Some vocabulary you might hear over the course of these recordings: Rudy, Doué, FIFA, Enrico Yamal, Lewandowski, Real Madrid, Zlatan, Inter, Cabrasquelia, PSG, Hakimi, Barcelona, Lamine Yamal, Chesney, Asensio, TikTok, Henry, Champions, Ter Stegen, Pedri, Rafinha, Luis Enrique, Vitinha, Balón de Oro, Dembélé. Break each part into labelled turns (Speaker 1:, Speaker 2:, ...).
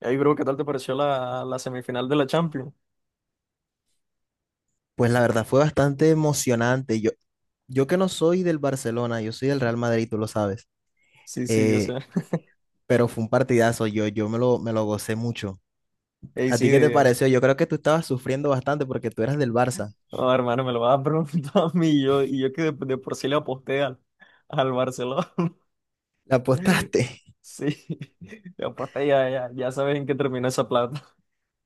Speaker 1: Ey, bro, ¿qué tal te pareció la semifinal de la Champions?
Speaker 2: Pues la verdad fue bastante emocionante. Yo que no soy del Barcelona, yo soy del Real Madrid, tú lo sabes.
Speaker 1: Sí, sí, yo
Speaker 2: Eh,
Speaker 1: sé.
Speaker 2: pero fue un partidazo, yo, yo me lo gocé mucho.
Speaker 1: Ey,
Speaker 2: ¿A
Speaker 1: sí,
Speaker 2: ti qué te
Speaker 1: de...
Speaker 2: pareció? Yo creo que tú estabas sufriendo bastante porque tú eras del Barça.
Speaker 1: Oh, hermano, me lo vas a preguntar a mí. Y yo que de por sí le aposté al al, Barcelona.
Speaker 2: ¿La apostaste?
Speaker 1: Sí, le aposté, ya sabes en qué terminó esa plata.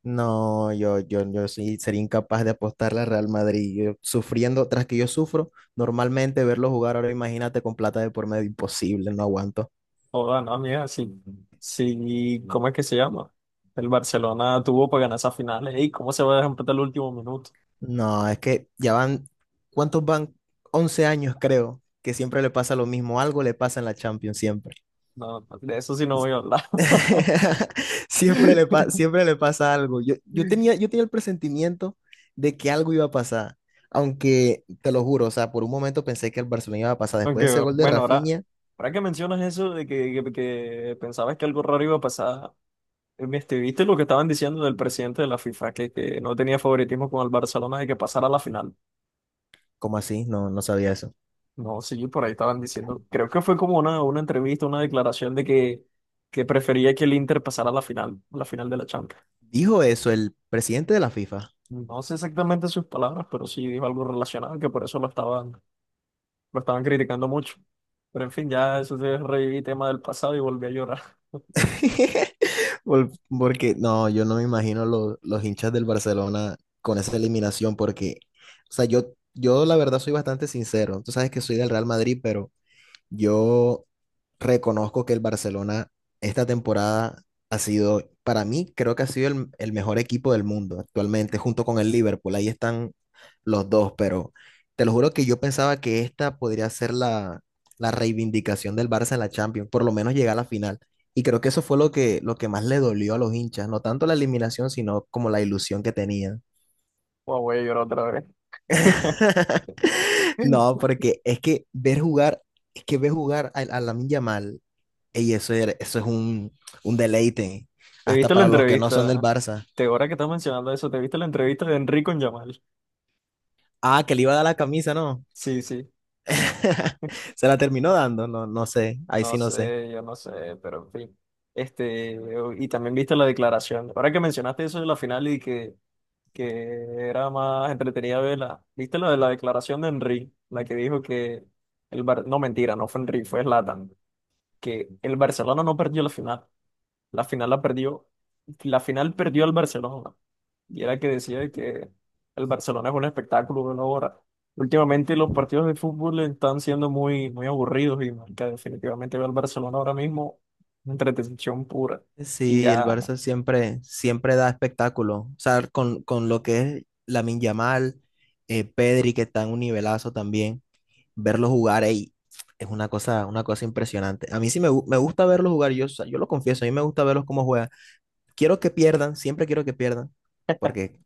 Speaker 2: No, yo sí sería incapaz de apostarle al Real Madrid. Yo sufriendo, tras que yo sufro, normalmente verlo jugar ahora, imagínate con plata de por medio, imposible, no aguanto.
Speaker 1: Joda, no, amiga, sí. Sí, ¿cómo es que se llama? El Barcelona tuvo para ganar esa final. Ey, ¿cómo se va a dejar empatar el último minuto?
Speaker 2: No, es que ya van, ¿cuántos van? 11 años creo, que siempre le pasa lo mismo, algo le pasa en la Champions siempre.
Speaker 1: No, de eso sí no voy a hablar.
Speaker 2: Siempre le pasa algo. Yo, yo tenía el presentimiento de que algo iba a pasar, aunque te lo juro, o sea, por un momento pensé que el Barcelona iba a pasar después de ese
Speaker 1: Aunque,
Speaker 2: gol de
Speaker 1: bueno, ahora.
Speaker 2: Rafinha.
Speaker 1: Ahora que mencionas eso de que pensabas que algo raro iba a pasar, ¿viste lo que estaban diciendo del presidente de la FIFA, que no tenía favoritismo con el Barcelona de que pasara a la final?
Speaker 2: ¿Cómo así? No, no sabía eso.
Speaker 1: No, sí, por ahí estaban diciendo, creo que fue como una entrevista, una declaración de que prefería que el Inter pasara a la final de la Champions.
Speaker 2: Dijo eso el presidente de la FIFA.
Speaker 1: No sé exactamente sus palabras, pero sí dijo algo relacionado, que por eso lo estaban criticando mucho. Pero en fin, ya eso se reviví tema del pasado y volví a llorar.
Speaker 2: Por- Porque no, yo no me imagino los hinchas del Barcelona con esa eliminación, porque, o sea, yo la verdad soy bastante sincero. Tú sabes que soy del Real Madrid, pero yo reconozco que el Barcelona esta temporada ha sido, para mí, creo que ha sido el mejor equipo del mundo actualmente, junto con el Liverpool. Ahí están los dos, pero te lo juro que yo pensaba que esta podría ser la reivindicación del Barça en la Champions, por lo menos llegar a la final. Y creo que eso fue lo que más le dolió a los hinchas, no tanto la eliminación, sino como la ilusión que tenían.
Speaker 1: Guau, voy a llorar otra vez.
Speaker 2: No, porque es que ver jugar a Lamine Yamal y eso, eso es un deleite,
Speaker 1: ¿Te
Speaker 2: hasta
Speaker 1: viste la
Speaker 2: para los que no son del
Speaker 1: entrevista?
Speaker 2: Barça.
Speaker 1: Ahora que estás mencionando eso, ¿te viste la entrevista de Enrico en Yamal?
Speaker 2: Ah, que le iba a dar la camisa, ¿no?
Speaker 1: Sí, sí.
Speaker 2: Se la terminó dando, no, no sé, ahí
Speaker 1: No
Speaker 2: sí no sé.
Speaker 1: sé, yo no sé, pero en fin. Este, y también viste la declaración. Ahora que mencionaste eso de la final y que era más entretenida verla, ¿viste la de la declaración de Henry? La que dijo que el no mentira, no fue Henry, fue Zlatan, que el Barcelona no perdió la final. La final la perdió, la final perdió el Barcelona. Y era que decía que el Barcelona es un espectáculo de una hora. Últimamente los partidos de fútbol están siendo muy aburridos y que definitivamente veo al Barcelona ahora mismo una entretención pura. Y
Speaker 2: Sí, el
Speaker 1: ya,
Speaker 2: Barça siempre, siempre da espectáculo. O sea, con lo que es Lamine Yamal, Pedri, que está en un nivelazo también, verlos jugar ahí es una cosa impresionante. A mí sí me, me gusta verlos jugar, yo, o sea, yo lo confieso, a mí me gusta verlos cómo juegan. Quiero que pierdan, siempre quiero que pierdan, porque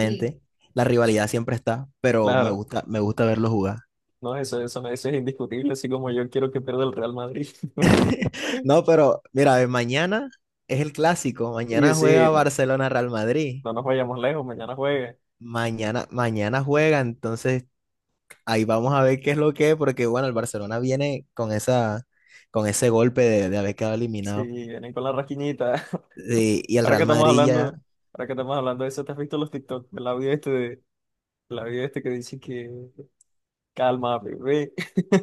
Speaker 1: sí.
Speaker 2: la rivalidad siempre está, pero
Speaker 1: Claro,
Speaker 2: me gusta verlo jugar.
Speaker 1: no, eso es indiscutible, así como yo quiero que pierda el Real Madrid.
Speaker 2: No, pero mira, mañana es el clásico,
Speaker 1: Y
Speaker 2: mañana
Speaker 1: sí,
Speaker 2: juega
Speaker 1: no,
Speaker 2: Barcelona Real Madrid.
Speaker 1: no nos vayamos lejos, mañana juegue.
Speaker 2: Mañana, mañana juega, entonces ahí vamos a ver qué es lo que es, porque bueno, el Barcelona viene con esa, con ese golpe de haber quedado
Speaker 1: Si
Speaker 2: eliminado.
Speaker 1: vienen con la rasquiñita.
Speaker 2: Sí, y el
Speaker 1: Ahora que
Speaker 2: Real
Speaker 1: estamos
Speaker 2: Madrid
Speaker 1: hablando,
Speaker 2: ya.
Speaker 1: ahora que estamos hablando de eso, ¿te has visto los TikTok? El audio este que dice que calma, bebé.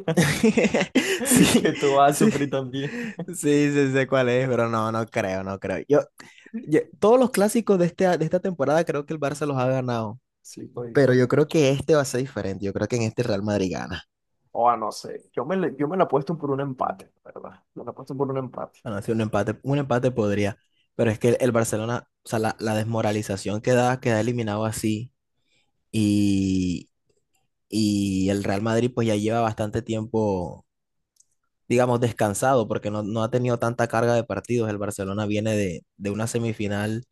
Speaker 1: Que
Speaker 2: Sí,
Speaker 1: tú vas a
Speaker 2: sí.
Speaker 1: sufrir también.
Speaker 2: Sí, sí sé cuál es, pero no, no creo, no creo. Todos los clásicos de, este, de esta temporada creo que el Barça los ha ganado,
Speaker 1: Sí,
Speaker 2: pero
Speaker 1: todito.
Speaker 2: yo creo que este va a ser diferente. Yo creo que en este el Real Madrid gana.
Speaker 1: O a no sé. Yo me la he puesto por un empate, ¿la verdad? Me la he puesto por un empate.
Speaker 2: Bueno, sí, un empate podría, pero es que el Barcelona, o sea, la desmoralización que da, queda eliminado así y, y el Real Madrid pues ya lleva bastante tiempo, digamos, descansado porque no, no ha tenido tanta carga de partidos. El Barcelona viene de una semifinal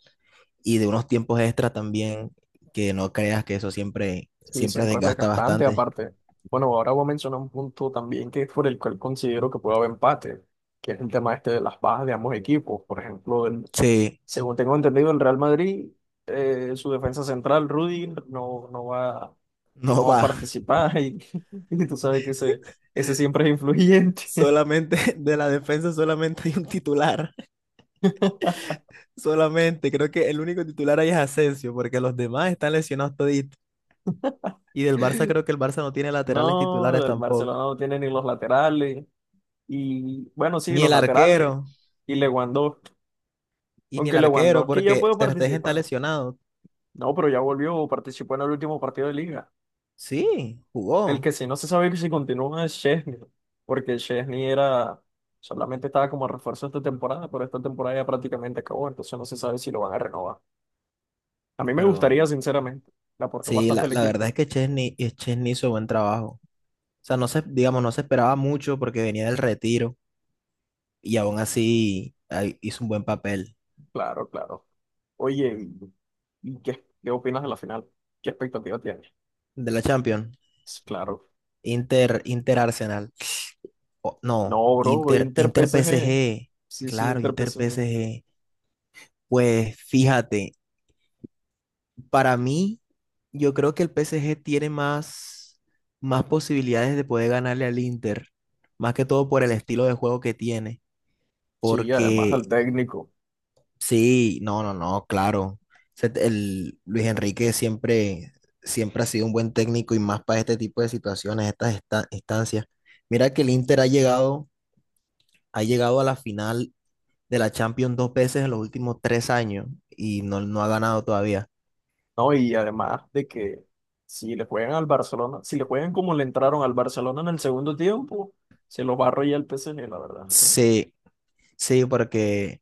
Speaker 2: y de unos tiempos extra también, que no creas que eso siempre,
Speaker 1: Y
Speaker 2: siempre
Speaker 1: siempre es
Speaker 2: desgasta
Speaker 1: desgastante,
Speaker 2: bastante.
Speaker 1: aparte. Bueno, ahora voy a mencionar un punto también que es por el cual considero que puede haber empate, que es el tema este de las bajas de ambos equipos. Por ejemplo,
Speaker 2: Sí,
Speaker 1: según tengo entendido, el Real Madrid, su defensa central, Rudy, no va, no
Speaker 2: no
Speaker 1: va a
Speaker 2: va.
Speaker 1: participar y, y tú sabes que ese siempre es influyente.
Speaker 2: Solamente de la defensa solamente hay un titular. Solamente. Creo que el único titular ahí es Asensio, porque los demás están lesionados toditos. Y del Barça creo que el Barça no tiene laterales titulares
Speaker 1: No, el Barcelona
Speaker 2: tampoco.
Speaker 1: no tiene ni los laterales. Y bueno, sí,
Speaker 2: Ni
Speaker 1: los
Speaker 2: el
Speaker 1: laterales.
Speaker 2: arquero.
Speaker 1: Y Lewandowski.
Speaker 2: Y ni el
Speaker 1: Aunque
Speaker 2: arquero,
Speaker 1: Lewandowski ya
Speaker 2: porque
Speaker 1: puede
Speaker 2: Ter Stegen está
Speaker 1: participar.
Speaker 2: lesionado.
Speaker 1: No, pero ya volvió, participó en el último partido de liga.
Speaker 2: Sí,
Speaker 1: El
Speaker 2: jugó.
Speaker 1: que sí no se sabe si continúa es Chesney. Porque Chesney era, solamente estaba como refuerzo esta temporada, pero esta temporada ya prácticamente acabó, entonces no se sabe si lo van a renovar. A
Speaker 2: Ah,
Speaker 1: mí me
Speaker 2: pero
Speaker 1: gustaría, sinceramente. Le aportó
Speaker 2: sí,
Speaker 1: bastante
Speaker 2: la,
Speaker 1: el
Speaker 2: la verdad
Speaker 1: equipo.
Speaker 2: es que Chesney, y Chesney hizo buen trabajo. O sea, no se, digamos, no se esperaba mucho porque venía del retiro. Y aún así ahí hizo un buen papel
Speaker 1: Claro, claro. Oye, ¿y qué, qué opinas de la final? ¿Qué expectativa tienes?
Speaker 2: de la Champions.
Speaker 1: Claro.
Speaker 2: Inter, Inter Arsenal. No,
Speaker 1: No, bro,
Speaker 2: Inter,
Speaker 1: Inter
Speaker 2: Inter
Speaker 1: PSG.
Speaker 2: PSG.
Speaker 1: Sí, sí,
Speaker 2: Claro,
Speaker 1: Inter
Speaker 2: Inter
Speaker 1: PSG.
Speaker 2: PSG. Pues fíjate, para mí, yo creo que el PSG tiene más, más posibilidades de poder ganarle al Inter. Más que todo por el estilo de juego que tiene.
Speaker 1: Sí, además
Speaker 2: Porque
Speaker 1: al técnico.
Speaker 2: sí, no, no, no, claro. El Luis Enrique siempre, siempre ha sido un buen técnico y más para este tipo de situaciones, instancias. Mira que el Inter ha llegado, ha llegado a la final de la Champions dos veces en los últimos 3 años y no, no ha ganado todavía.
Speaker 1: No, y además de que si le juegan al Barcelona, si le juegan como le entraron al Barcelona en el segundo tiempo, se los va a arrollar el PSG, la verdad.
Speaker 2: Sí, sí, porque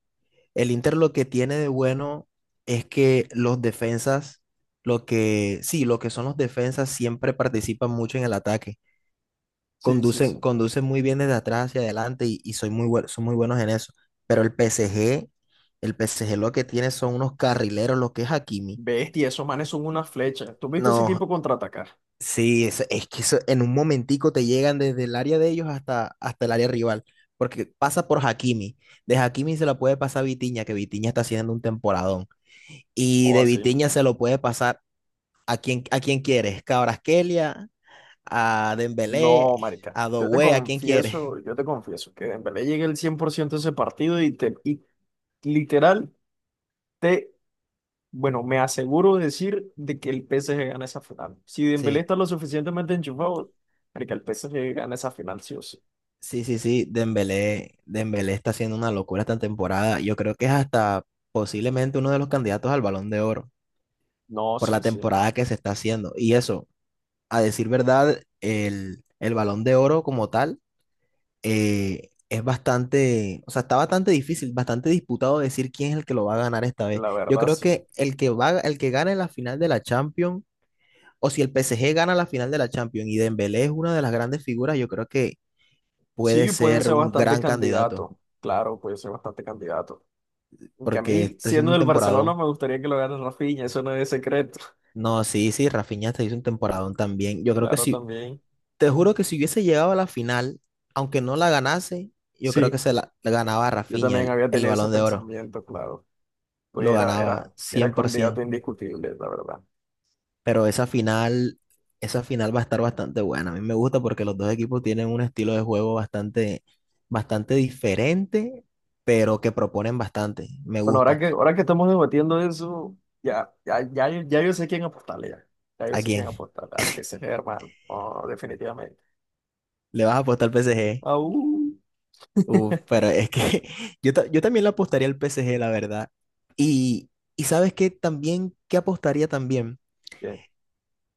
Speaker 2: el Inter lo que tiene de bueno es que los defensas, lo que, sí, lo que son los defensas siempre participan mucho en el ataque.
Speaker 1: Sí, sí, sí.
Speaker 2: Conducen, conducen muy bien desde atrás hacia adelante y son muy buenos en eso. Pero el PSG, el PSG lo que tiene son unos carrileros, lo que es Hakimi.
Speaker 1: Bestia, esos manes son una flecha. ¿Tú has visto ese
Speaker 2: No,
Speaker 1: equipo contraatacar?
Speaker 2: sí, es que eso, en un momentico te llegan desde el área de ellos hasta, hasta el área rival, porque pasa por Hakimi. De Hakimi se la puede pasar a Vitinha, que Vitinha está haciendo un temporadón. Y
Speaker 1: O
Speaker 2: de
Speaker 1: así.
Speaker 2: Vitinha se lo puede pasar a quien quieres, Cabrasquelia, a Dembélé,
Speaker 1: No, marica.
Speaker 2: a Doué, a quien quieres.
Speaker 1: Yo te confieso que Dembélé llegue el 100% a ese partido y literal te bueno, me aseguro de decir de que el PSG gana esa final. Si Dembélé
Speaker 2: Sí,
Speaker 1: está lo suficientemente enchufado, que el PSG gana esa final sí o sí.
Speaker 2: sí, sí, sí, Dembélé, Dembélé está haciendo una locura esta temporada. Yo creo que es hasta posiblemente uno de los candidatos al Balón de Oro
Speaker 1: No,
Speaker 2: por
Speaker 1: sí,
Speaker 2: la
Speaker 1: sí,
Speaker 2: temporada que se está haciendo. Y eso a decir verdad, el Balón de Oro como tal es bastante, o sea, está bastante difícil, bastante disputado decir quién es el que lo va a ganar esta vez.
Speaker 1: la
Speaker 2: Yo
Speaker 1: verdad
Speaker 2: creo
Speaker 1: sí.
Speaker 2: que el que va, el que gane la final de la Champions, o si el PSG gana la final de la Champions y Dembélé es una de las grandes figuras, yo creo que puede
Speaker 1: Sí, puede
Speaker 2: ser
Speaker 1: ser
Speaker 2: un
Speaker 1: bastante
Speaker 2: gran candidato,
Speaker 1: candidato. Claro, puede ser bastante candidato. Aunque a
Speaker 2: porque
Speaker 1: mí,
Speaker 2: está
Speaker 1: siendo
Speaker 2: haciendo un
Speaker 1: del Barcelona,
Speaker 2: temporadón.
Speaker 1: me gustaría que lo gane Rafinha, eso no es secreto.
Speaker 2: No, sí, sí, Rafinha está hizo un temporadón también. Yo creo que
Speaker 1: Claro,
Speaker 2: si
Speaker 1: también.
Speaker 2: Te juro que si hubiese llegado a la final, aunque no la ganase, yo creo que
Speaker 1: Sí,
Speaker 2: se la ganaba a
Speaker 1: yo
Speaker 2: Rafinha
Speaker 1: también
Speaker 2: el,
Speaker 1: había
Speaker 2: el
Speaker 1: tenido ese
Speaker 2: Balón de Oro.
Speaker 1: pensamiento, claro. Pues
Speaker 2: Lo ganaba
Speaker 1: era candidato
Speaker 2: 100%.
Speaker 1: indiscutible, la verdad.
Speaker 2: Pero esa final va a estar bastante buena. A mí me gusta porque los dos equipos tienen un estilo de juego bastante, bastante diferente, pero que proponen bastante. Me
Speaker 1: Bueno,
Speaker 2: gusta.
Speaker 1: ahora que estamos debatiendo eso, ya yo sé quién apostarle ya. Ya yo
Speaker 2: ¿A
Speaker 1: sé
Speaker 2: quién?
Speaker 1: quién apostarle. Al PSG, hermano. Oh, definitivamente.
Speaker 2: ¿Le vas a apostar al PSG?
Speaker 1: Au.
Speaker 2: Uf, pero es que yo, yo también le apostaría al PSG, la verdad. Y, y ¿sabes qué? También, ¿qué apostaría también?
Speaker 1: Bien.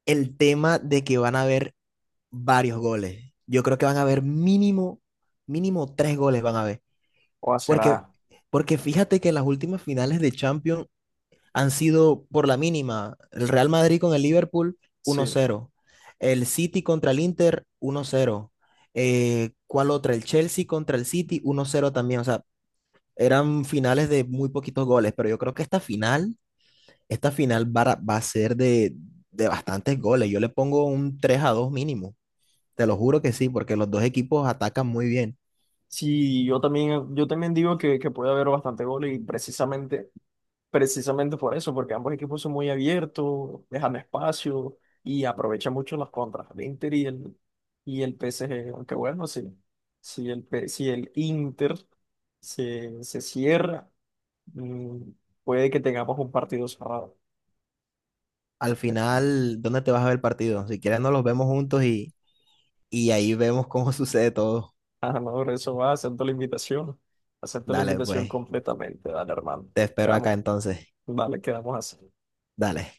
Speaker 2: El tema de que van a haber varios goles. Yo creo que van a haber mínimo, mínimo tres goles van a haber.
Speaker 1: O a
Speaker 2: Porque,
Speaker 1: será.
Speaker 2: porque fíjate que las últimas finales de Champions han sido por la mínima. El Real Madrid con el Liverpool, uno
Speaker 1: Sí.
Speaker 2: cero El City contra el Inter, 1-0. ¿Cuál otra? El Chelsea contra el City, 1-0 también. O sea, eran finales de muy poquitos goles, pero yo creo que esta final, esta final va a, va a ser de bastantes goles. Yo le pongo un 3-2 mínimo. Te lo juro que sí, porque los dos equipos atacan muy bien.
Speaker 1: Sí, yo también digo que puede haber bastante goles y precisamente, precisamente por eso, porque ambos equipos son muy abiertos, dejan espacio y aprovechan mucho las contras el Inter y el PSG. Aunque bueno, sí. Si el, P- si el Inter se cierra. Mm, puede que tengamos un partido cerrado.
Speaker 2: Al final, ¿dónde te vas a ver el partido? Si quieres, nos los vemos juntos y ahí vemos cómo sucede todo.
Speaker 1: Ah, no, por eso va, acepto la invitación. Acepto la
Speaker 2: Dale,
Speaker 1: invitación
Speaker 2: pues.
Speaker 1: completamente, dale, hermano.
Speaker 2: Te espero acá
Speaker 1: Quedamos,
Speaker 2: entonces.
Speaker 1: dale, quedamos así.
Speaker 2: Dale.